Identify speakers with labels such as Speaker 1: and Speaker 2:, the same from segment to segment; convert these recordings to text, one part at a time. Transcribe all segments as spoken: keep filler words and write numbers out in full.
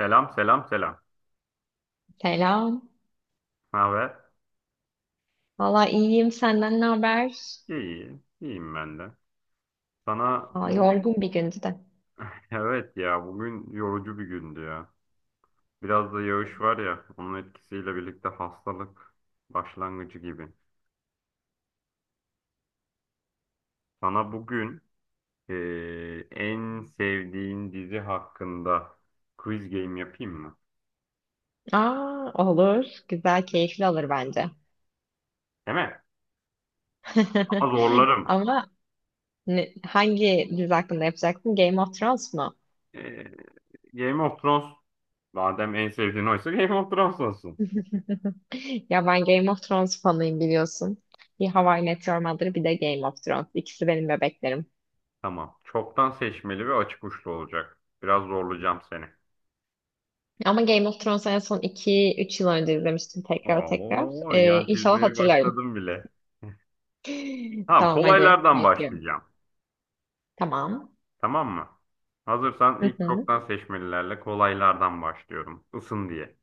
Speaker 1: Selam, selam, selam.
Speaker 2: Selam.
Speaker 1: Ne haber?
Speaker 2: Valla iyiyim. Senden ne haber?
Speaker 1: İyi, iyiyim ben de. Sana
Speaker 2: Aa,
Speaker 1: bugün
Speaker 2: yorgun bir gündü de.
Speaker 1: evet ya, bugün yorucu bir gündü ya. Biraz da yağış var ya, onun etkisiyle birlikte hastalık başlangıcı gibi. Sana bugün eee, en sevdiğin dizi hakkında quiz game yapayım mı?
Speaker 2: Aa, olur. Güzel, keyifli olur bence.
Speaker 1: Değil mi? Ama zorlarım.
Speaker 2: Ama ne- hangi dizi hakkında yapacaksın? Game of Thrones mu?
Speaker 1: Eee, Game of Thrones madem en sevdiğin oysa Game of Thrones olsun.
Speaker 2: Ya ben Game of Thrones fanıyım biliyorsun. Bir How I Met Your Mother, bir de Game of Thrones. İkisi benim bebeklerim.
Speaker 1: Tamam. Çoktan seçmeli ve açık uçlu olacak. Biraz zorlayacağım seni.
Speaker 2: Ama Game of Thrones'u en son iki üç yıl önce izlemiştim tekrar tekrar.
Speaker 1: Oo,
Speaker 2: Ee,
Speaker 1: yan
Speaker 2: inşallah
Speaker 1: çizmeye
Speaker 2: hatırlarım.
Speaker 1: başladım bile. Tamam,
Speaker 2: Tamam, hadi
Speaker 1: kolaylardan
Speaker 2: bekliyorum.
Speaker 1: başlayacağım.
Speaker 2: Tamam.
Speaker 1: Tamam mı? Hazırsan
Speaker 2: Hı
Speaker 1: ilk
Speaker 2: hı.
Speaker 1: çoktan seçmelilerle kolaylardan başlıyorum. Isın diye.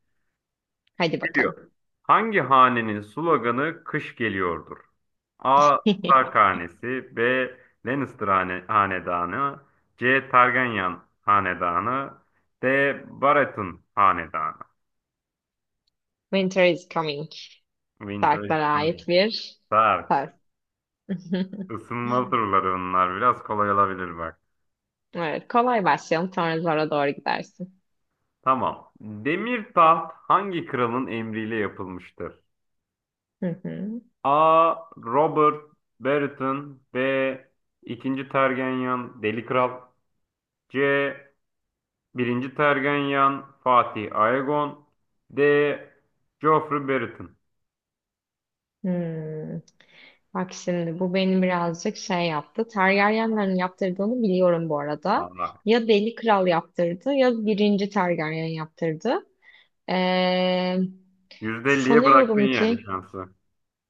Speaker 2: Hadi bakalım.
Speaker 1: Biliyor. Hangi hanenin sloganı kış geliyordur? A. Stark hanesi, B. Lannister hane- hanedanı, C. Targaryen hanedanı, D. Baratheon hanedanı.
Speaker 2: Winter is coming.
Speaker 1: Winter is
Speaker 2: Sarklara ait
Speaker 1: coming.
Speaker 2: bir
Speaker 1: Berk,
Speaker 2: söz.
Speaker 1: ısınma turları bunlar. Biraz kolay olabilir bak.
Speaker 2: Evet, kolay başlayalım. Sonra zora doğru gidersin.
Speaker 1: Tamam. Demir taht hangi kralın emriyle yapılmıştır?
Speaker 2: Hı hı.
Speaker 1: A. Robert Baratheon, B. iki. Tergenyan Deli Kral, C. bir. Tergenyan Fatih Aegon, D. Joffrey Baratheon.
Speaker 2: Hmm. Bak şimdi bu beni birazcık şey yaptı. Targaryenlerin yaptırdığını biliyorum bu arada.
Speaker 1: Aa,
Speaker 2: Ya Deli Kral yaptırdı ya birinci Targaryen yaptırdı. Ee,
Speaker 1: yüzde elliye bıraktın
Speaker 2: sanıyorum ki,
Speaker 1: yani şansı.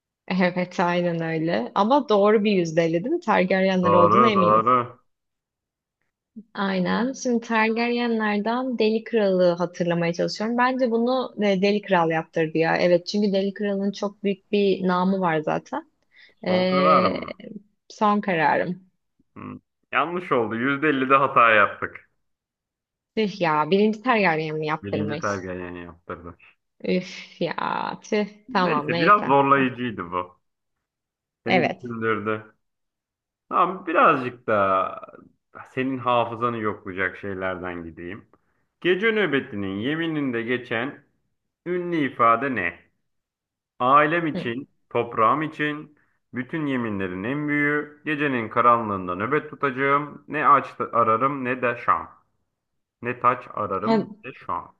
Speaker 2: evet, aynen öyle. Ama doğru bir yüzdeydi, değil mi? Targaryenler olduğuna
Speaker 1: Doğru,
Speaker 2: eminiz.
Speaker 1: doğru.
Speaker 2: Aynen. Şimdi Targaryenlerden Deli Kral'ı hatırlamaya çalışıyorum. Bence bunu e, Deli Kral yaptırdı ya. Evet, çünkü Deli Kral'ın çok büyük bir namı var zaten.
Speaker 1: Son
Speaker 2: Ee,
Speaker 1: kararım mı?
Speaker 2: son kararım.
Speaker 1: Hı. Yanlış oldu. yüzde ellide hata yaptık.
Speaker 2: Tüh ya. Birinci Targaryen mi
Speaker 1: Birinci
Speaker 2: yaptırmış?
Speaker 1: tergayen yaptırdı.
Speaker 2: Üf ya. Tüh. Tamam,
Speaker 1: Neyse, biraz
Speaker 2: neyse. Ya,
Speaker 1: zorlayıcıydı bu. Seni
Speaker 2: Evet.
Speaker 1: düşündürdü. Ama birazcık da senin hafızanı yoklayacak şeylerden gideyim. Gece nöbetinin yemininde geçen ünlü ifade ne? Ailem
Speaker 2: Hı.
Speaker 1: için, toprağım için, bütün yeminlerin en büyüğü, gecenin karanlığında nöbet tutacağım, ne aç ararım ne de şam. Ne taç
Speaker 2: Ha,
Speaker 1: ararım ne de şam.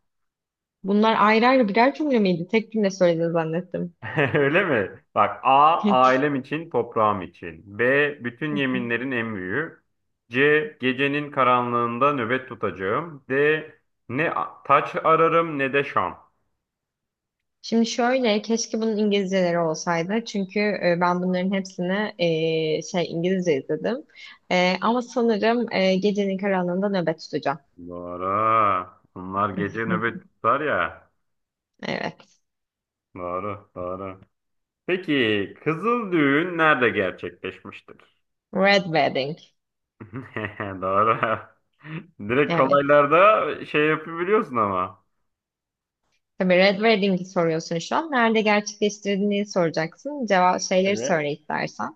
Speaker 2: bunlar ayrı ayrı birer cümle miydi? Tek cümle söylediğini zannettim.
Speaker 1: Öyle mi? Bak, A ailem için, toprağım için. B bütün yeminlerin en büyüğü. C gecenin karanlığında nöbet tutacağım. D ne a- taç ararım ne de şam.
Speaker 2: Şimdi şöyle, keşke bunun İngilizceleri olsaydı. Çünkü e, ben bunların hepsini e, şey İngilizce izledim. E, ama sanırım e, gecenin karanlığında nöbet tutacağım.
Speaker 1: Doğru. Bunlar gece nöbet tutar ya.
Speaker 2: Evet.
Speaker 1: Doğru, doğru. Peki kızıl düğün nerede gerçekleşmiştir?
Speaker 2: Red Wedding.
Speaker 1: Doğru. Direkt
Speaker 2: Evet.
Speaker 1: kolaylarda şey yapabiliyorsun ama.
Speaker 2: Tabii, Red Wedding'i soruyorsun şu an. Nerede gerçekleştirdiğini soracaksın. Cevap şeyleri
Speaker 1: Evet.
Speaker 2: söyle istersen.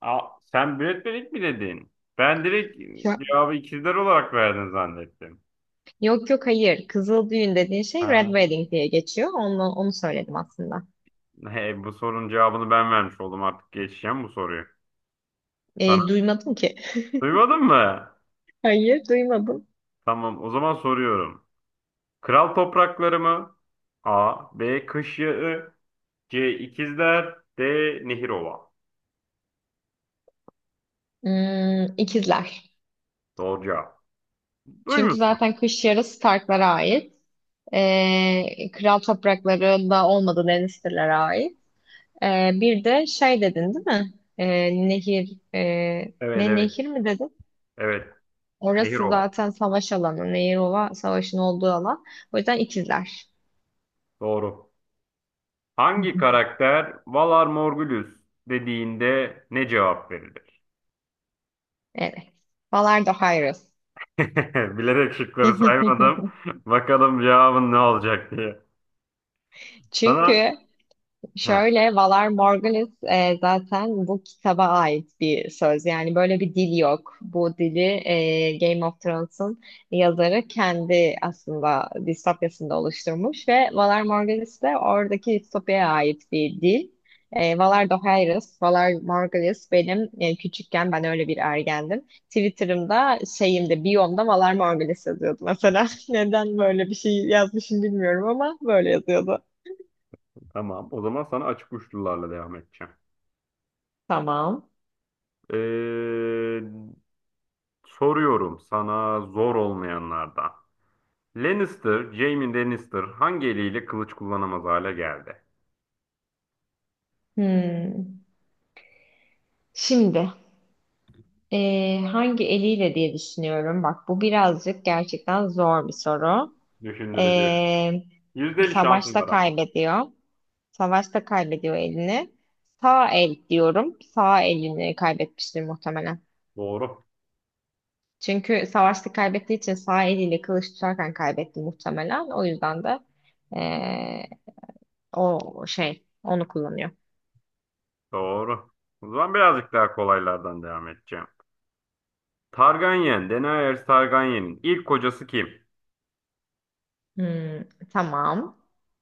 Speaker 1: Aa, sen Brad Pitt mi dedin? Ben direkt
Speaker 2: Şu-
Speaker 1: cevabı ikizler olarak verdin zannettim.
Speaker 2: Yok yok, hayır. Kızıl düğün dediğin şey Red
Speaker 1: Ha,
Speaker 2: Wedding diye geçiyor. Onu, onu söyledim aslında.
Speaker 1: he, bu sorunun cevabını ben vermiş oldum, artık geçeceğim bu soruyu. Sana
Speaker 2: E, duymadım ki.
Speaker 1: duymadın mı?
Speaker 2: Hayır, duymadım.
Speaker 1: Tamam, o zaman soruyorum. Kral toprakları mı? A. B. Kış Yağı, C. İkizler, D. Nehirova.
Speaker 2: Hmm, ikizler.
Speaker 1: Doğru cevap.
Speaker 2: Çünkü
Speaker 1: Duymuşsun.
Speaker 2: zaten kış yarısı Stark'lara ait. Ee, kral topraklarında olmadığı Lannister'lara ait. Ee, bir de şey dedin değil mi? Ee, nehir, e,
Speaker 1: Evet,
Speaker 2: ne
Speaker 1: evet,
Speaker 2: nehir mi dedin?
Speaker 1: evet,
Speaker 2: Orası
Speaker 1: Nehirova.
Speaker 2: zaten savaş alanı. Nehir olan savaşın olduğu alan. O yüzden ikizler.
Speaker 1: Doğru. Hangi karakter Valar Morghulis dediğinde ne cevap verir?
Speaker 2: Evet. Valar da Hayros.
Speaker 1: Bilerek şıkları saymadım. Bakalım cevabın ne olacak diye.
Speaker 2: Çünkü
Speaker 1: Sana heh,
Speaker 2: şöyle, Valar Morghulis, e, zaten bu kitaba ait bir söz. Yani böyle bir dil yok. Bu dili e, Game of Thrones'un yazarı kendi aslında distopyasında oluşturmuş ve Valar Morghulis de oradaki distopyaya ait bir dil. E, Valar Dohaeris, Valar Morghulis benim, e, küçükken ben öyle bir ergendim. Twitter'ımda, şeyimde, biyomda Valar Morghulis yazıyordu mesela. Neden böyle bir şey yazmışım bilmiyorum, ama böyle yazıyordu.
Speaker 1: tamam. O zaman sana açık uçlularla devam edeceğim.
Speaker 2: Tamam.
Speaker 1: Ee, soruyorum sana zor olmayanlardan. Lannister, Jaime Lannister hangi eliyle kılıç kullanamaz hale geldi?
Speaker 2: Hmm. Şimdi eee, hangi eliyle diye düşünüyorum. Bak, bu birazcık gerçekten zor bir soru.
Speaker 1: Düşündürücü.
Speaker 2: Eee,
Speaker 1: yüzde elli şansın
Speaker 2: savaşta
Speaker 1: var ama.
Speaker 2: kaybediyor. Savaşta kaybediyor elini. Sağ el diyorum. Sağ elini kaybetmiştir muhtemelen.
Speaker 1: Doğru.
Speaker 2: Çünkü savaşta kaybettiği için sağ eliyle kılıç tutarken kaybetti muhtemelen. O yüzden de eee, o şey onu kullanıyor.
Speaker 1: Doğru. O zaman birazcık daha kolaylardan devam edeceğim. Targaryen, Daenerys Targaryen'in ilk kocası kim?
Speaker 2: Hmm, tamam.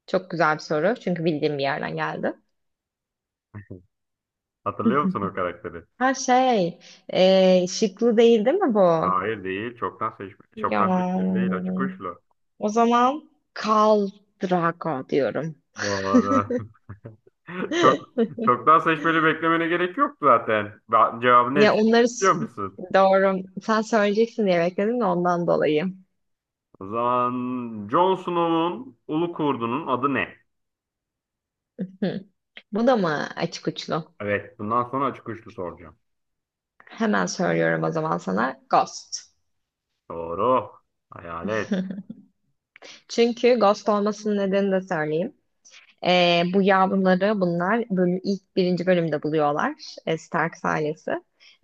Speaker 2: Çok güzel bir soru. Çünkü bildiğim bir yerden geldi.
Speaker 1: Hatırlıyor musun o karakteri?
Speaker 2: Ha, şey, e, şıklı değil, değil mi bu?
Speaker 1: Hayır değil. Çoktan seçmeli.
Speaker 2: Ya,
Speaker 1: Çoktan seçmeli değil. Acı kuşlu.
Speaker 2: o zaman Khal Drago diyorum.
Speaker 1: Doğru. Çok çoktan seçmeli beklemene gerek yok zaten. Ba- Cevabı ne
Speaker 2: Ya
Speaker 1: çıktı
Speaker 2: onları
Speaker 1: biliyor
Speaker 2: s-
Speaker 1: musun?
Speaker 2: doğru. Sen söyleyeceksin diye bekledim de ondan dolayı.
Speaker 1: O zaman Jon Snow'un ulu kurdunun adı ne?
Speaker 2: Hı. Bu da mı açık uçlu?
Speaker 1: Evet. Bundan sonra açık uçlu soracağım.
Speaker 2: Hemen söylüyorum o zaman sana. Ghost.
Speaker 1: Doğru. Hayalet.
Speaker 2: Çünkü Ghost olmasının nedenini de söyleyeyim. Ee, bu yavruları bunlar bölüm, ilk birinci bölümde buluyorlar e, Stark ailesi.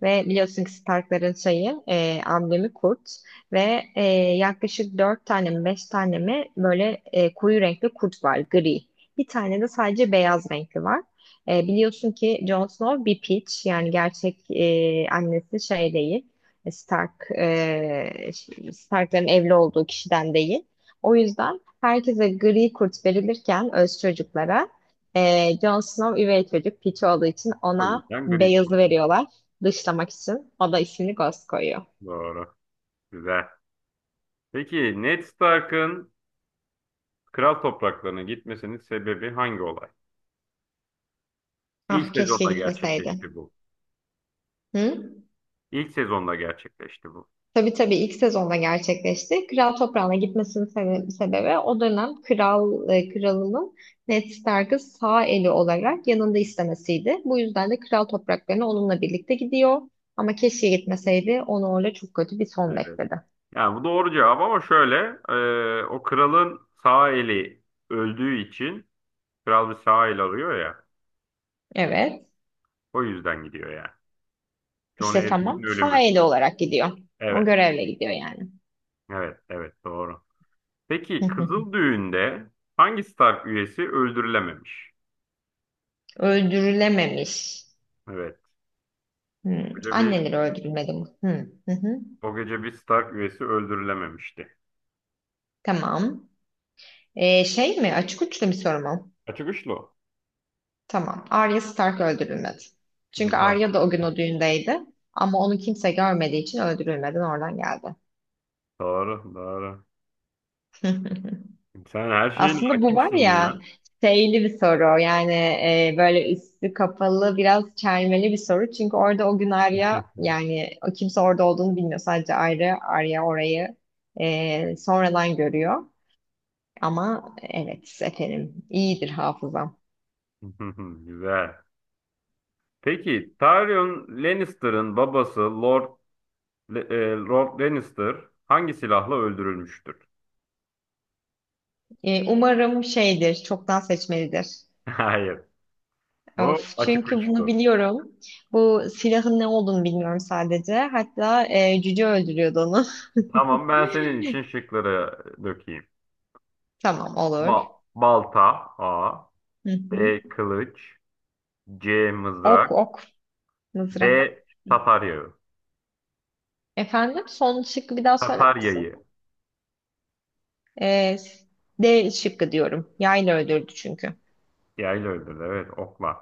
Speaker 2: Ve biliyorsun ki Stark'ların şeyi, e, amblemi kurt ve e, yaklaşık dört tane mi beş tane mi böyle e, koyu renkli kurt var, gri. Bir tane de sadece beyaz renkli var. E, biliyorsun ki Jon Snow bir piç, yani gerçek e, annesi şey değil. Stark, e, Stark'ların evli olduğu kişiden değil. O yüzden Herkese gri kurt verilirken öz çocuklara, e, Jon Snow üvey çocuk, piç olduğu için
Speaker 1: O
Speaker 2: ona
Speaker 1: yüzden gri
Speaker 2: beyazı
Speaker 1: kurt.
Speaker 2: veriyorlar. Dışlamak için. O da ismini Ghost koyuyor.
Speaker 1: Doğru. Güzel. Peki Ned Stark'ın kral topraklarına gitmesinin sebebi hangi olay? İlk
Speaker 2: Ah, keşke
Speaker 1: sezonda
Speaker 2: gitmeseydi.
Speaker 1: gerçekleşti bu.
Speaker 2: Hı?
Speaker 1: İlk sezonda gerçekleşti bu.
Speaker 2: Tabii tabii, ilk sezonda gerçekleşti. Kral toprağına gitmesinin sebe- sebebi o dönem kral e, kralının Ned Stark'ı sağ eli olarak yanında istemesiydi. Bu yüzden de kral topraklarına onunla birlikte gidiyor. Ama keşke gitmeseydi. Onu orada çok kötü bir son
Speaker 1: Evet.
Speaker 2: bekledi.
Speaker 1: Yani bu doğru cevap, ama şöyle, e, o kralın sağ eli öldüğü için kral bir sağ el arıyor ya,
Speaker 2: Evet.
Speaker 1: o yüzden gidiyor yani. John
Speaker 2: İşte
Speaker 1: Arryn'in
Speaker 2: tamam.
Speaker 1: ölümü.
Speaker 2: Faili olarak gidiyor. O
Speaker 1: Evet,
Speaker 2: görevle gidiyor yani.
Speaker 1: evet, evet, doğru.
Speaker 2: Hı
Speaker 1: Peki
Speaker 2: hı.
Speaker 1: Kızıl Düğün'de hangi Stark üyesi öldürülememiş?
Speaker 2: Öldürülememiş.
Speaker 1: Evet. O
Speaker 2: Hmm.
Speaker 1: gece bir,
Speaker 2: Anneleri öldürülmedi mi? Hı hı. hı.
Speaker 1: o gece bir Stark üyesi öldürülememişti.
Speaker 2: Tamam. Ee, şey mi? Açık uçlu bir soru mu?
Speaker 1: Açık uçlu. O.
Speaker 2: Tamam. Arya Stark öldürülmedi. Çünkü Arya da o gün o düğündeydi. Ama onu kimse görmediği için öldürülmeden oradan geldi.
Speaker 1: Doğru, doğru, doğru. Sen her şeyin
Speaker 2: Aslında bu var
Speaker 1: hakimsin ya.
Speaker 2: ya, şeyli bir soru yani, e, böyle üstü kapalı biraz çelmeli bir soru. Çünkü orada o gün Arya, yani o, kimse orada olduğunu bilmiyor. Sadece Arya, Arya orayı e, sonradan görüyor. Ama evet, efendim, iyidir hafızam.
Speaker 1: Güzel. Peki Tyrion Lannister'ın babası Lord Le- e, Lord Lannister hangi silahla öldürülmüştür?
Speaker 2: E, umarım şeydir, çoktan seçmelidir.
Speaker 1: Hayır. Bu
Speaker 2: Of,
Speaker 1: açık
Speaker 2: çünkü bunu
Speaker 1: uçtu.
Speaker 2: biliyorum. Bu silahın ne olduğunu bilmiyorum sadece. Hatta e, cüce öldürüyordu onu.
Speaker 1: Tamam, ben senin için şıkları dökeyim.
Speaker 2: Tamam,
Speaker 1: Ba-
Speaker 2: olur.
Speaker 1: balta A.
Speaker 2: Hı hı.
Speaker 1: B. Kılıç, C.
Speaker 2: Ok,
Speaker 1: Mızrak,
Speaker 2: ok.
Speaker 1: D.
Speaker 2: Mızrak.
Speaker 1: Tatar yağı.
Speaker 2: Efendim, son şıkkı bir daha söyler
Speaker 1: Tatar
Speaker 2: misin?
Speaker 1: yayı.
Speaker 2: Ee, D şıkkı diyorum. Yayla öldürdü çünkü.
Speaker 1: Yayla öldürdü, evet, okla.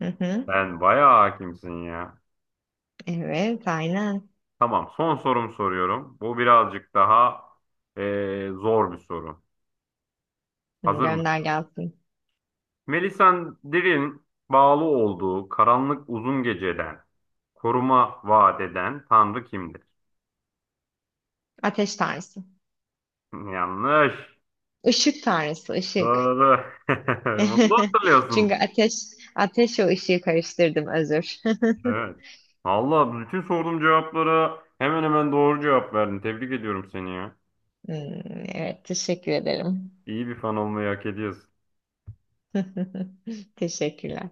Speaker 2: Hı hı.
Speaker 1: Sen bayağı hakimsin ya.
Speaker 2: Evet, aynen.
Speaker 1: Tamam, son sorum soruyorum. Bu birazcık daha e, zor bir soru.
Speaker 2: Hı,
Speaker 1: Hazır mısın?
Speaker 2: gönder gelsin.
Speaker 1: Melisandre'in bağlı olduğu karanlık uzun geceden koruma vaat eden tanrı kimdir?
Speaker 2: Ateş tanrısı.
Speaker 1: Yanlış.
Speaker 2: Işık tanrısı, ışık.
Speaker 1: Doğru. Bunu da
Speaker 2: Çünkü
Speaker 1: hatırlıyorsun.
Speaker 2: ateş ateş o ışığı karıştırdım, özür.
Speaker 1: Evet. Allah, bütün sorduğum cevaplara hemen hemen doğru cevap verdin. Tebrik ediyorum seni ya.
Speaker 2: Hmm, evet teşekkür ederim.
Speaker 1: İyi bir fan olmayı hak ediyorsun.
Speaker 2: Teşekkürler.